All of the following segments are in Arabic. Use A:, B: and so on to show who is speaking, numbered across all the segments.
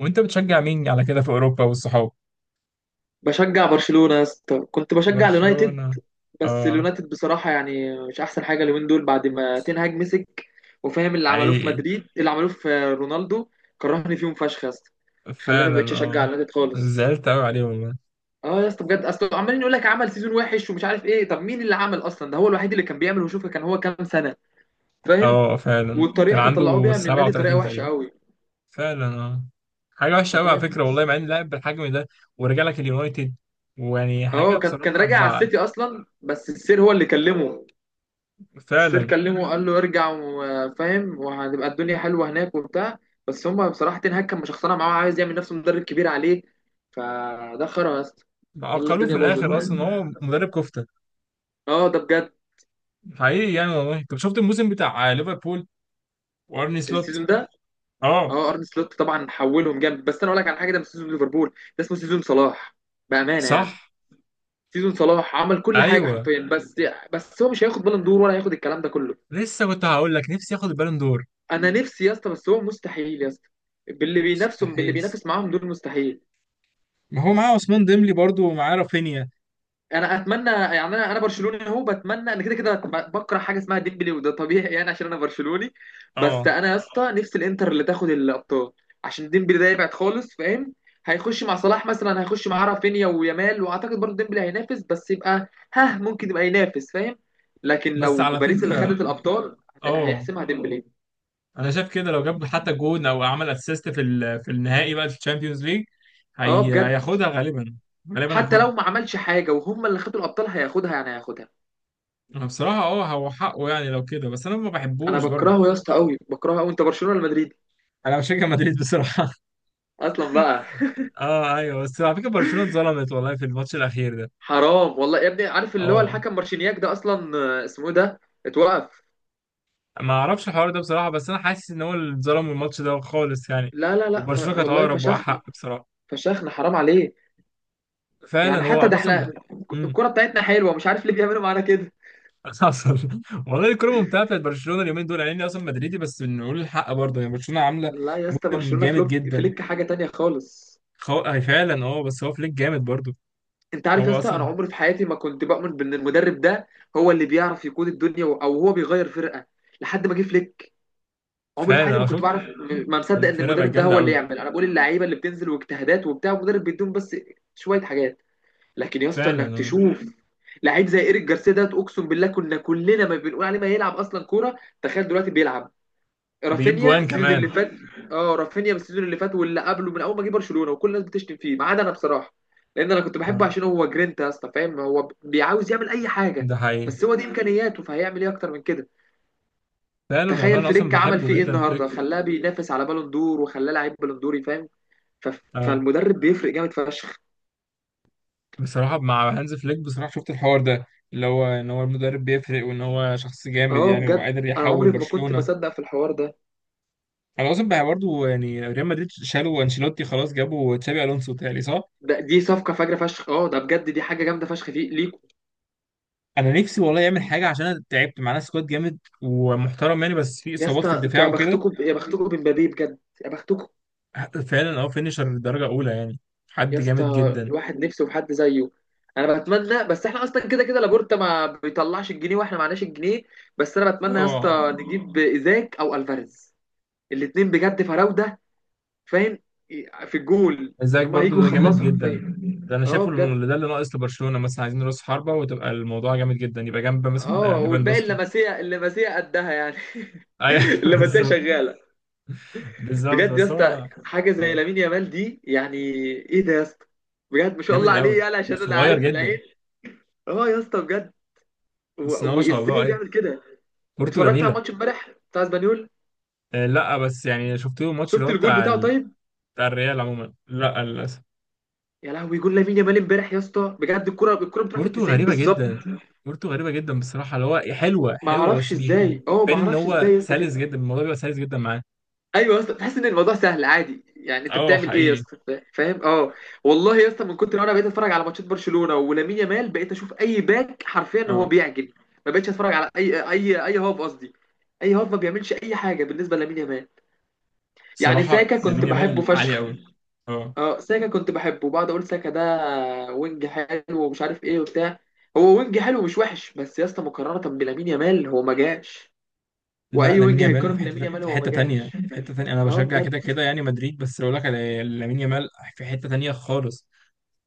A: وانت بتشجع مين على كده في اوروبا والصحاب؟
B: بشجع برشلونة يا اسطى، كنت بشجع اليونايتد،
A: برشلونة.
B: بس
A: اه،
B: اليونايتد بصراحة يعني مش أحسن حاجة اليومين دول بعد ما تنهاج مسك، وفاهم اللي عملوه في
A: حقيقي.
B: مدريد، اللي عملوه في رونالدو، كرهني فيهم فشخ يا اسطى. خلاني
A: فعلا
B: مبقتش أشجع
A: اه.
B: اليونايتد خالص.
A: زعلت قوي عليه والله.
B: اه يا اسطى بجد، اصل عمالين يقول لك عمل سيزون وحش ومش عارف ايه، طب مين اللي عمل اصلا؟ ده هو الوحيد اللي كان بيعمل، وشوفه كان هو كام سنة، فاهم.
A: اه فعلا كان
B: والطريقة اللي طلعوه
A: عنده
B: بيها من النادي طريقة
A: 37
B: وحشة
A: تقريبا.
B: قوي،
A: فعلا اه. حاجة وحشة قوي على
B: فاهم.
A: فكرة والله، مع ان لاعب بالحجم ده ورجع لك اليونايتد، ويعني حاجة
B: اه كان
A: بصراحة
B: راجع على
A: هتزعل.
B: السيتي اصلا، بس السير هو اللي كلمه. السير
A: فعلا.
B: كلمه وقال له ارجع وفاهم، وهتبقى الدنيا حلوه هناك وبتاع. بس هم بصراحه تين هاج كان مشخصنها معاه، عايز يعمل نفسه مدرب كبير عليه، فده خرا يا اسطى. خلى
A: عقلوه في
B: الدنيا باظت.
A: الاخر، اصلا هو مدرب كفتة.
B: اه ده بجد.
A: حقيقي يعني والله. انت شفت الموسم بتاع ليفربول وارني سلوت؟
B: السيزون ده.
A: اه
B: اه ارن سلوت طبعا حولهم جامد، بس انا اقول لك على حاجه، ده مش سيزون ليفربول، ده اسمه سيزون صلاح، بامانه يعني.
A: صح.
B: سيزون صلاح، عمل كل حاجه
A: ايوه،
B: حرفيا، بس بس هو مش هياخد بالون دور، ولا هياخد الكلام ده كله.
A: لسه كنت هقول لك نفسي ياخد البالون دور.
B: انا نفسي يا اسطى، بس هو مستحيل يا اسطى، باللي بينافسهم، باللي
A: مستحيل.
B: بينافس معاهم دول، مستحيل.
A: ما هو معاه عثمان ديمبلي برضو ومعاه رافينيا.
B: انا اتمنى يعني، انا برشلوني اهو، بتمنى انا كده كده بكره حاجه اسمها ديمبلي، وده طبيعي يعني عشان انا برشلوني. بس
A: اه
B: انا يا اسطى نفسي الانتر اللي تاخد الابطال، عشان ديمبلي ده يبعد خالص، فاهم. هيخش مع صلاح مثلا، هيخش مع رافينيا ويامال، واعتقد برضه ديمبلي هينافس، بس يبقى ها ممكن يبقى ينافس، فاهم. لكن
A: بس
B: لو
A: على
B: باريس اللي
A: فكرة،
B: خدت الابطال،
A: اه
B: هيحسمها ديمبلي.
A: انا شايف كده لو جاب حتى جون او عمل اسيست في النهائي بقى في الشامبيونز ليج،
B: اه
A: هي
B: بجد.
A: هياخدها غالبا. غالبا
B: حتى
A: هياخدها.
B: لو ما عملش حاجه وهم اللي خدوا الابطال هياخدها، يعني هياخدها.
A: انا بصراحة اه هو حقه يعني لو كده، بس انا ما
B: انا
A: بحبوش برضو.
B: بكرهه يا اسطى قوي، بكرهه قوي. انت برشلونه ولا مدريد
A: انا بشجع مدريد بصراحة.
B: اصلا بقى؟
A: اه ايوه، بس على فكرة برشلونة اتظلمت والله في الماتش الاخير ده.
B: حرام والله يا ابني، عارف اللي هو
A: اه
B: الحكم مارشينياك ده اصلا اسمه إيه ده؟ اتوقف.
A: ما اعرفش الحوار ده بصراحة، بس انا حاسس ان هو اللي اتظلم من الماتش ده خالص يعني.
B: لا لا لا
A: وبرشلونة كانت
B: والله
A: اقرب
B: فشخنا.
A: واحق بصراحة.
B: فشخنا، حرام عليه.
A: فعلا
B: يعني حتى
A: هو
B: ده
A: اصلا.
B: احنا
A: امم.
B: الكرة بتاعتنا حلوة، مش عارف ليه بيعملوا معانا كده.
A: حصل. والله الكوره ممتعه بتاعت برشلونه اليومين دول، يعني اني اصلا مدريدي بس نقول الحق برضه، يعني برشلونه عامله
B: لا يا اسطى،
A: موسم
B: برشلونة
A: جامد
B: فلوك
A: جدا.
B: فليك حاجة تانية خالص.
A: هي فعلا اه، بس هو فليك جامد برضه.
B: انت عارف يا
A: هو
B: اسطى انا
A: اصلا.
B: عمري في حياتي ما كنت بؤمن بان المدرب ده هو اللي بيعرف يقود الدنيا او هو بيغير فرقة، لحد ما جه فليك. عمري في حياتي
A: فعلا
B: ما
A: اه
B: كنت
A: شفت.
B: بعرف ما مصدق ان
A: الفرقه بقت
B: المدرب ده
A: جامده
B: هو اللي
A: قوي.
B: يعمل، انا بقول اللعيبة اللي بتنزل واجتهادات وبتاع، المدرب بيديهم بس شوية حاجات. لكن يا اسطى
A: فعلا
B: انك
A: اه.
B: تشوف لعيب زي ايريك جارسيا ده، اقسم بالله كنا كلنا ما بنقول عليه ما يلعب اصلا كوره، تخيل دلوقتي بيلعب.
A: بيجيب
B: رافينيا
A: جوان
B: السيزون اللي
A: كمان.
B: فات، اه رافينيا بالسيزون اللي فات واللي قبله، من اول ما جه برشلونه وكل الناس بتشتم فيه ما عدا انا بصراحه، لان انا كنت بحبه
A: اه
B: عشان هو جرينتا يا اسطى، فاهم، هو بيعاوز يعمل اي حاجه،
A: ده حقيقي.
B: بس هو دي امكانياته، فهيعمل ايه اكتر من كده.
A: فعلا والله
B: تخيل
A: انا اصلا
B: فليك عمل فيه
A: بحبه
B: ايه
A: جدا فليك.
B: النهارده، خلاه بينافس على بالون دور، وخلاه لعيب بالون دوري، فاهم.
A: اه
B: فالمدرب بيفرق جامد فشخ.
A: بصراحه مع هانز فليك، بصراحه شفت الحوار ده اللي هو ان هو المدرب بيفرق، وان هو شخص جامد
B: اه
A: يعني
B: بجد.
A: وقادر
B: انا
A: يحول
B: عمري ما كنت
A: برشلونه.
B: بصدق في الحوار ده.
A: انا اصلا بقى برضه يعني ريال مدريد شالوا انشيلوتي خلاص، جابوا تشابي الونسو تاني صح.
B: دي صفقه فجره فشخ، اه ده بجد، دي حاجه جامده فشخ فيه ليكوا.
A: انا نفسي والله يعمل حاجه، عشان انا تعبت. معانا سكواد جامد ومحترم يعني، بس في
B: يا
A: اصابات
B: اسطى
A: في
B: بس انتوا
A: الدفاع
B: يا
A: وكده.
B: بختكم، يا بختكم بمبابي بجد، يا بختكم.
A: فعلا اه. فينيشر درجه اولى يعني.
B: يا
A: حد جامد
B: اسطى
A: جدا.
B: الواحد نفسه في حد زيه. انا بتمنى، بس احنا اصلا كده كده لابورتا ما بيطلعش الجنيه، واحنا معناش الجنيه. بس انا بتمنى يا
A: اه
B: اسطى نجيب ايزاك او الفاريز، الاتنين بجد فراوده، فاهم، في الجول
A: ازيك
B: اللي هم هيجوا
A: برضه، ده جامد
B: يخلصوا
A: جدا.
B: حرفيا.
A: ده انا
B: اه
A: شايفه
B: بجد.
A: اللي ده اللي ناقص لبرشلونه، مثلا عايزين راس حربه وتبقى الموضوع جامد جدا، يبقى جنب
B: اه
A: مثلا
B: والباقي
A: ليفاندوسكي.
B: اللمسيه، اللمسيه قدها يعني.
A: ايوه
B: اللمسيه
A: بالظبط.
B: شغاله.
A: بالظبط،
B: بجد يا
A: بس
B: اسطى،
A: هو
B: حاجه زي
A: آه،
B: لامين يامال دي يعني، ايه ده يا اسطى؟ بجد ما شاء الله
A: جامد
B: عليه،
A: قوي
B: يعني عشان انا
A: وصغير
B: عارف
A: جدا.
B: العين، اه يا اسطى بجد. و...
A: بس إن هو ما شاء الله،
B: وازاي
A: ايوه.
B: بيعمل كده؟
A: كورته
B: اتفرجت على
A: جميله.
B: الماتش امبارح بتاع اسبانيول،
A: آه، لا بس يعني شفت له الماتش اللي
B: شفت
A: هو
B: الجول
A: بتاع
B: بتاعه طيب؟
A: بتاع الريال عموما، لا للاسف.
B: يا لهوي جول لامين يامال امبارح يا اسطى، بجد الكره، الكره بتروح في ال
A: كورته
B: 90
A: غريبه
B: بالظبط،
A: جدا. كورته غريبه جدا بصراحه، اللي هو حلوه
B: ما
A: حلوه
B: اعرفش
A: بس
B: ازاي، اه ما
A: بتبان ان
B: اعرفش
A: هو
B: ازاي يا اسطى
A: سلس
B: كده.
A: جدا، الموضوع بيبقى سلس جدا معاه.
B: ايوه يا اسطى، تحس ان الموضوع سهل عادي، يعني انت
A: اه
B: بتعمل ايه يا
A: حقيقي
B: اسطى، فاهم، اه. والله يا اسطى، من كتر ما انا بقيت اتفرج على ماتشات برشلونه ولامين يامال، بقيت اشوف اي باك حرفيا هو
A: اه.
B: بيعجن، ما بقتش اتفرج على اي هوب قصدي، اي هوب ما بيعملش اي حاجه بالنسبه لامين يامال. يعني
A: بصراحه
B: ساكا كنت
A: لامين يامال
B: بحبه
A: عالي
B: فشخ،
A: قوي. اه.
B: اه ساكا كنت بحبه، بعد اقول ساكا ده وينج حلو ومش عارف ايه وبتاع، هو وينج حلو مش وحش، بس يا اسطى مقارنه بلامين يامال هو ما جاش.
A: لا
B: واي
A: لامين
B: وينج
A: يامال
B: هيتقارن
A: في حته،
B: بلامين يامال،
A: في
B: هو ما
A: حته تانية،
B: جاش،
A: في حته تانية. انا
B: اه
A: بشجع
B: بجد.
A: كده كده يعني مدريد، بس اقول لك على لامين يامال في حته تانية خالص.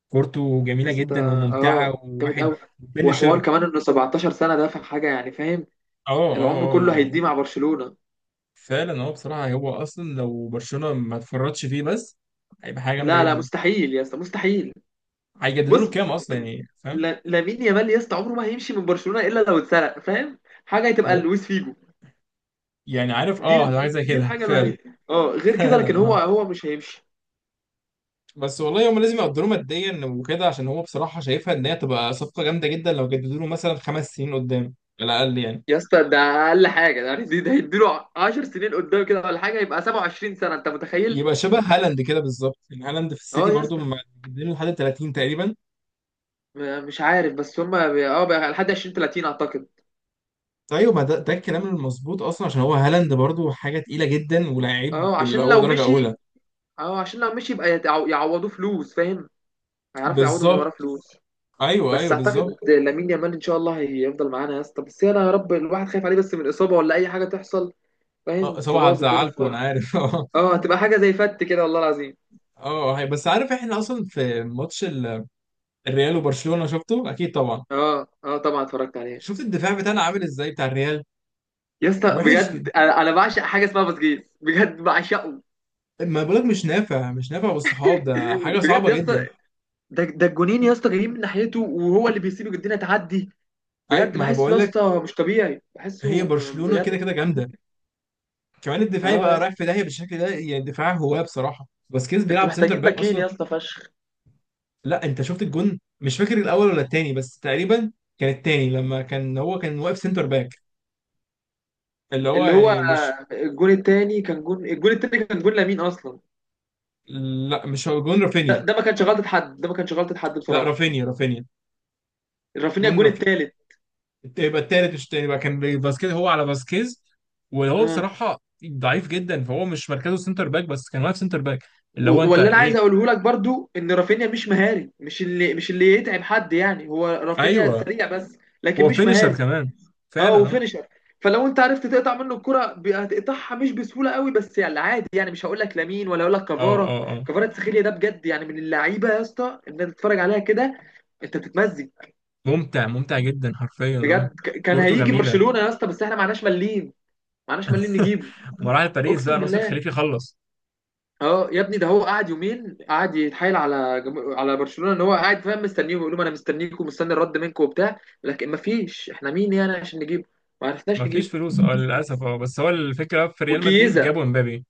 A: كورته جميله
B: بس ده
A: جدا وممتعه،
B: اه جامد
A: وواحد
B: قوي، وحوار
A: بنشر.
B: كمان انه 17 سنه ده في حاجه يعني، فاهم،
A: اه
B: العمر
A: اه اه
B: كله هيديه
A: يعني.
B: مع برشلونه.
A: فعلا هو بصراحة، هو أصلا لو برشلونة ما اتفرطش فيه بس، هيبقى حاجة جامدة
B: لا لا،
A: جدا.
B: مستحيل يا اسطى، مستحيل.
A: هيجددوا له
B: بص،
A: كام أصلا يعني، فاهم؟
B: لامين يامال يا اسطى عمره ما هيمشي من برشلونه الا لو اتسرق، فاهم، حاجه هتبقى
A: ممكن.
B: لويس فيجو.
A: يعني عارف اه، حاجة زي
B: دي
A: كده
B: الحاجه
A: فعلا.
B: الوحيده، اه، غير كده لكن
A: فعلا
B: هو
A: اه.
B: هو مش هيمشي.
A: بس والله هم لازم يقدروا ماديا وكده، عشان هو بصراحة شايفها إن هي تبقى صفقة جامدة جدا لو جددوا له مثلا خمس سنين قدام، على الأقل يعني.
B: يا اسطى ده اقل حاجه ده يعني، ده هيديله 10 سنين قدام كده ولا حاجه، يبقى 27 سنه، انت متخيل؟
A: يبقى شبه هالاند كده بالظبط، يعني هالاند في السيتي
B: اه يا
A: برضو
B: اسطى،
A: مجددين لحد 30 تقريبا.
B: مش عارف، بس هم اه بقى لحد 20 30 اعتقد.
A: ايوه ما ده, ده الكلام المظبوط اصلا، عشان هو هالاند برضو حاجه تقيله جدا ولاعيب
B: اه
A: اللي
B: عشان
A: هو
B: لو
A: درجه اولى.
B: مشي، اه عشان لو مشي يبقى يعوضوه فلوس، فاهم، هيعرفوا يعوضوا من وراه
A: بالظبط.
B: فلوس.
A: ايوه
B: بس
A: ايوه
B: اعتقد
A: بالظبط.
B: لامين يامال ان شاء الله هيفضل معانا يا اسطى، بس انا يا رب الواحد خايف عليه بس من اصابه ولا اي حاجه تحصل، فاهم،
A: آه، طبعا
B: تبوظ الدنيا
A: هتزعلكم انا
B: خالص.
A: عارف. اه
B: اه تبقى حاجه زي فت كده، والله العظيم.
A: اه. بس عارف احنا اصلا في ماتش الريال وبرشلونه شفته اكيد طبعا.
B: اه اه طبعا اتفرجت عليه.
A: شفت الدفاع بتاعنا عامل ازاي بتاع الريال؟
B: يا اسطى
A: وحش جدا.
B: بجد، انا أنا بعشق حاجه اسمها باسكيز، بجد بعشقه.
A: ما بقولك مش نافع، مش نافع بالصحاب ده حاجه
B: بجد
A: صعبه
B: يا
A: جدا.
B: اسطى، ده ده الجونين يا اسطى جايين من ناحيته، وهو اللي بيسيب الدنيا تعدي،
A: اي
B: بجد
A: ما انا
B: بحسه
A: بقول
B: يا
A: لك.
B: اسطى مش طبيعي، بحسه
A: هي برشلونه كده
B: بجد.
A: كده جامده، كمان الدفاع
B: اه
A: يبقى
B: يا،
A: رايح في داهيه بالشكل ده، يعني دفاع هواه بصراحه. باسكيز
B: انتوا
A: بيلعب سنتر
B: محتاجين
A: باك
B: باكين
A: اصلا.
B: يا اسطى فشخ.
A: لا انت شفت الجون، مش فاكر الاول ولا التاني بس تقريبا، كان التاني لما كان هو كان واقف سنتر باك. اللي هو
B: اللي هو
A: يعني مش،
B: الجون التاني كان جون، الجون التاني كان جون لامين اصلا.
A: لا مش هو جون
B: ده,
A: رافينيا.
B: ده ما كانش غلطه حد، ده ما كانش غلطه حد
A: لا
B: بصراحه.
A: رافينيا، رافينيا.
B: رافينيا
A: جون
B: الجون
A: رافينيا.
B: التالت،
A: يبقى التالت مش التاني بقى، كان فاسكيز هو على فاسكيز. وهو
B: اه.
A: بصراحة ضعيف جدا، فهو مش مركزه سنتر باك بس كان واقف سنتر باك. اللي هو انت
B: واللي انا عايز
A: ايه.
B: اقوله لك برضو ان رافينيا مش مهاري، مش اللي، مش اللي يتعب حد يعني، هو رافينيا
A: ايوه.
B: سريع بس، لكن
A: هو
B: مش
A: فينيشر
B: مهاري.
A: كمان.
B: اه
A: فعلا اه.
B: وفينشر، فلو انت عرفت تقطع منه الكرة هتقطعها مش بسهوله قوي، بس يعني عادي يعني، مش هقول لك لامين ولا هقول لك
A: اه
B: كفارا.
A: اه اه.
B: كفارا تسخيليا ده بجد، يعني من اللعيبه يا اسطى ان انت تتفرج عليها كده، انت بتتمزج.
A: ممتع، ممتع جدا حرفيا اه.
B: بجد كان
A: كورته
B: هيجي
A: جميلة.
B: برشلونه يا اسطى، بس احنا معناش مليم، معناش مليم نجيبه.
A: مراحل باريس
B: اقسم
A: بقى، ناصر
B: بالله،
A: خليفي خلص.
B: اه يا ابني، ده هو قعد يومين قعد يتحايل على على برشلونه، ان هو قاعد فاهم مستنيهم، يقول لهم انا مستنيكم، مستني الرد منكم وبتاع، لكن ما فيش احنا مين يعني عشان نجيبه، ما عرفناش نجيبه.
A: مفيش فلوس اه للأسف. اه بس هو الفكرة في ريال مدريد،
B: وكيزا،
A: جابوا امبابي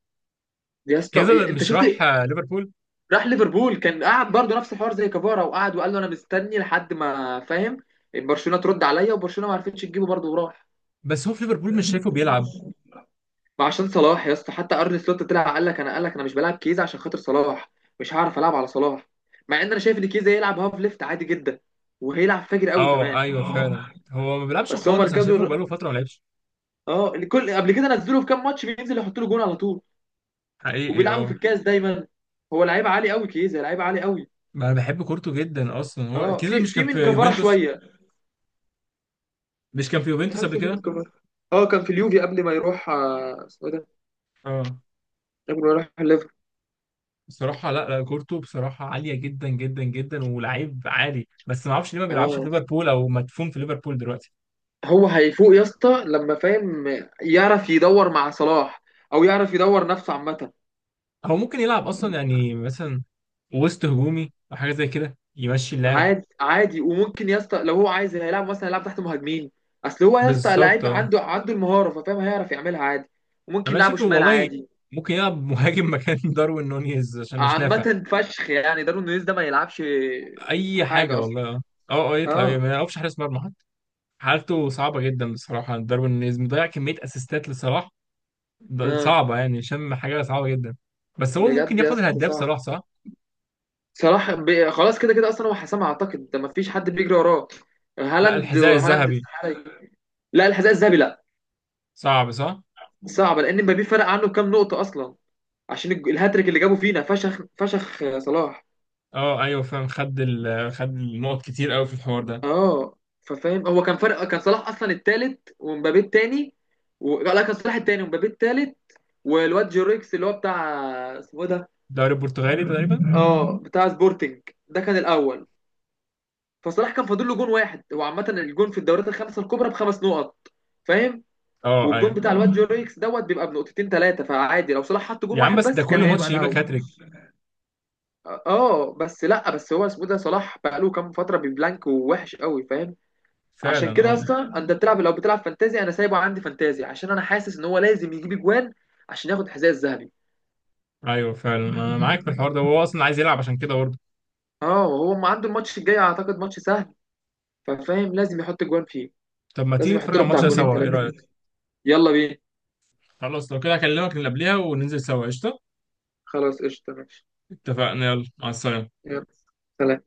B: يا اسطى
A: كده
B: إيه، انت
A: مش
B: شفت؟
A: راح آه، ليفربول.
B: راح ليفربول، كان قاعد برضه نفس الحوار زي كفارا، وقعد وقال له انا مستني لحد ما، فاهم، برشلونه ترد عليا، وبرشلونه ما عرفتش تجيبه برضه وراح.
A: بس هو في ليفربول مش شايفه بيلعب.
B: ما عشان صلاح يا اسطى، حتى ارني سلوت طلع قال لك انا، قال لك انا مش بلعب كيزه عشان خاطر صلاح، مش هعرف العب على صلاح، مع ان انا شايف ان كيزه يلعب هاف ليفت عادي جدا، وهيلعب فاجر قوي
A: اه
B: كمان.
A: ايوه فعلا. هو ما بيلعبش
B: بس هو
A: خالص، انا
B: مركزه
A: شايفه بقاله فتره ما لعبش.
B: اه الكل قبل كده نزله في كام ماتش، بينزل يحط له جون على طول،
A: حقيقي
B: وبيلعبوا في
A: اه.
B: الكاس دايما. هو لعيب عالي قوي كيزه، لعيب عالي قوي.
A: ما انا بحب كورته جدا اصلا. هو
B: اه
A: كده
B: في
A: مش
B: في
A: كان في
B: من كفاره
A: يوفنتوس؟
B: شويه،
A: مش كان في يوفنتوس قبل
B: تحسه في من
A: كده؟
B: كفاره، اه كان في اليوفي قبل ما يروح اسمه ده
A: اه.
B: قبل ما يروح الليفر.
A: بصراحه لا لا، كورته بصراحه عاليه جدا جدا جدا ولعيب عالي، بس ما اعرفش ليه ما بيلعبش في
B: اه
A: ليفربول او مدفون في ليفربول دلوقتي.
B: هو هيفوق يا اسطى لما، فاهم، يعرف يدور مع صلاح او يعرف يدور نفسه عامه.
A: هو ممكن يلعب اصلا يعني، مثلا وسط هجومي او حاجه زي كده، يمشي اللعب.
B: عادي عادي، وممكن يا اسطى لو هو عايز هيلعب مثلا، هيلعب تحت مهاجمين، اصل هو يا اسطى
A: بالظبط
B: لعيب،
A: اه.
B: عنده المهاره، ففاهم هيعرف يعملها عادي. وممكن
A: انا
B: يلعبه
A: شايفه
B: شمال
A: والله.
B: عادي.
A: ممكن يلعب مهاجم مكان داروين نونيز عشان مش نافع.
B: عامه فشخ يعني دارون نونيز ده ما يلعبش
A: اي حاجه
B: حاجه
A: والله
B: اصلا.
A: اه. اه اه يطلع إيه،
B: اه
A: ما يعرفش حارس مرمى حتى. حالته صعبه جدا بصراحه. داروين نيز مضيع كميه اسيستات لصلاح.
B: اه
A: صعبه يعني، شم حاجه صعبه جدا. بس هو
B: بجد
A: ممكن
B: يا
A: ياخد
B: اسطى
A: الهداف
B: صعب.
A: صلاح صح.
B: صلاح خلاص كده كده اصلا هو حسام اعتقد، ده ما فيش حد بيجري وراه.
A: لا
B: هالاند
A: الحذاء
B: هالاند
A: الذهبي.
B: استحاله يجري. لا الحذاء الذهبي لا.
A: صعب صح.
B: صعبه لان مبابي فرق عنه كام نقطه اصلا، عشان الهاتريك اللي جابه فينا فشخ فشخ صلاح.
A: اه ايوه فاهم. خد خد النقط كتير قوي في الحوار ده.
B: اه ففاهم، هو كان فرق، كان صلاح اصلا التالت ومبابي التاني، لا كان صلاح التاني ومبابي التالت، والواد جوريكس اللي هو بتاع، اسمه إيه ده،
A: الدوري البرتغالي تقريبا.
B: اه بتاع سبورتنج ده، كان الاول. فصلاح كان فاضل له جون واحد، هو عامه الجون في الدوريات الخمسه الكبرى بخمس نقط، فاهم،
A: اه
B: والجون
A: ايوه.
B: بتاع الواد جوريكس دوت بيبقى بنقطتين ثلاثه، فعادي لو صلاح حط جون
A: يا عم
B: واحد
A: بس ده
B: بس كان
A: كل
B: هيبقى
A: ماتش يجيب لك
B: الاول.
A: هاتريك.
B: اه بس لا، بس هو اسمه إيه ده، صلاح بقى له كام فتره ببلانك ووحش قوي، فاهم،
A: فعلا
B: عشان كده يا
A: اه.
B: اسطى انت بتلعب لو بتلعب فانتازي، انا سايبه عندي فانتازي عشان انا حاسس ان هو لازم يجيب اجوان عشان ياخد الحذاء الذهبي.
A: ايوه فعلا انا معاك في الحوار ده، وهو اصلا عايز يلعب عشان كده برضه.
B: اه وهو ما عنده الماتش الجاي اعتقد ماتش سهل، ففاهم لازم يحط اجوان فيه،
A: طب ما تيجي
B: لازم
A: نتفرج
B: يحط
A: على
B: له بتاع
A: الماتش ده
B: جونين
A: سوا، ايه
B: ثلاثه
A: رايك؟
B: كده. يلا بينا.
A: خلاص لو كده هكلمك اللي قبلها وننزل سوا قشطة.
B: خلاص قشطه ماشي.
A: اتفقنا، يلا مع السلامة.
B: يلا. سلام.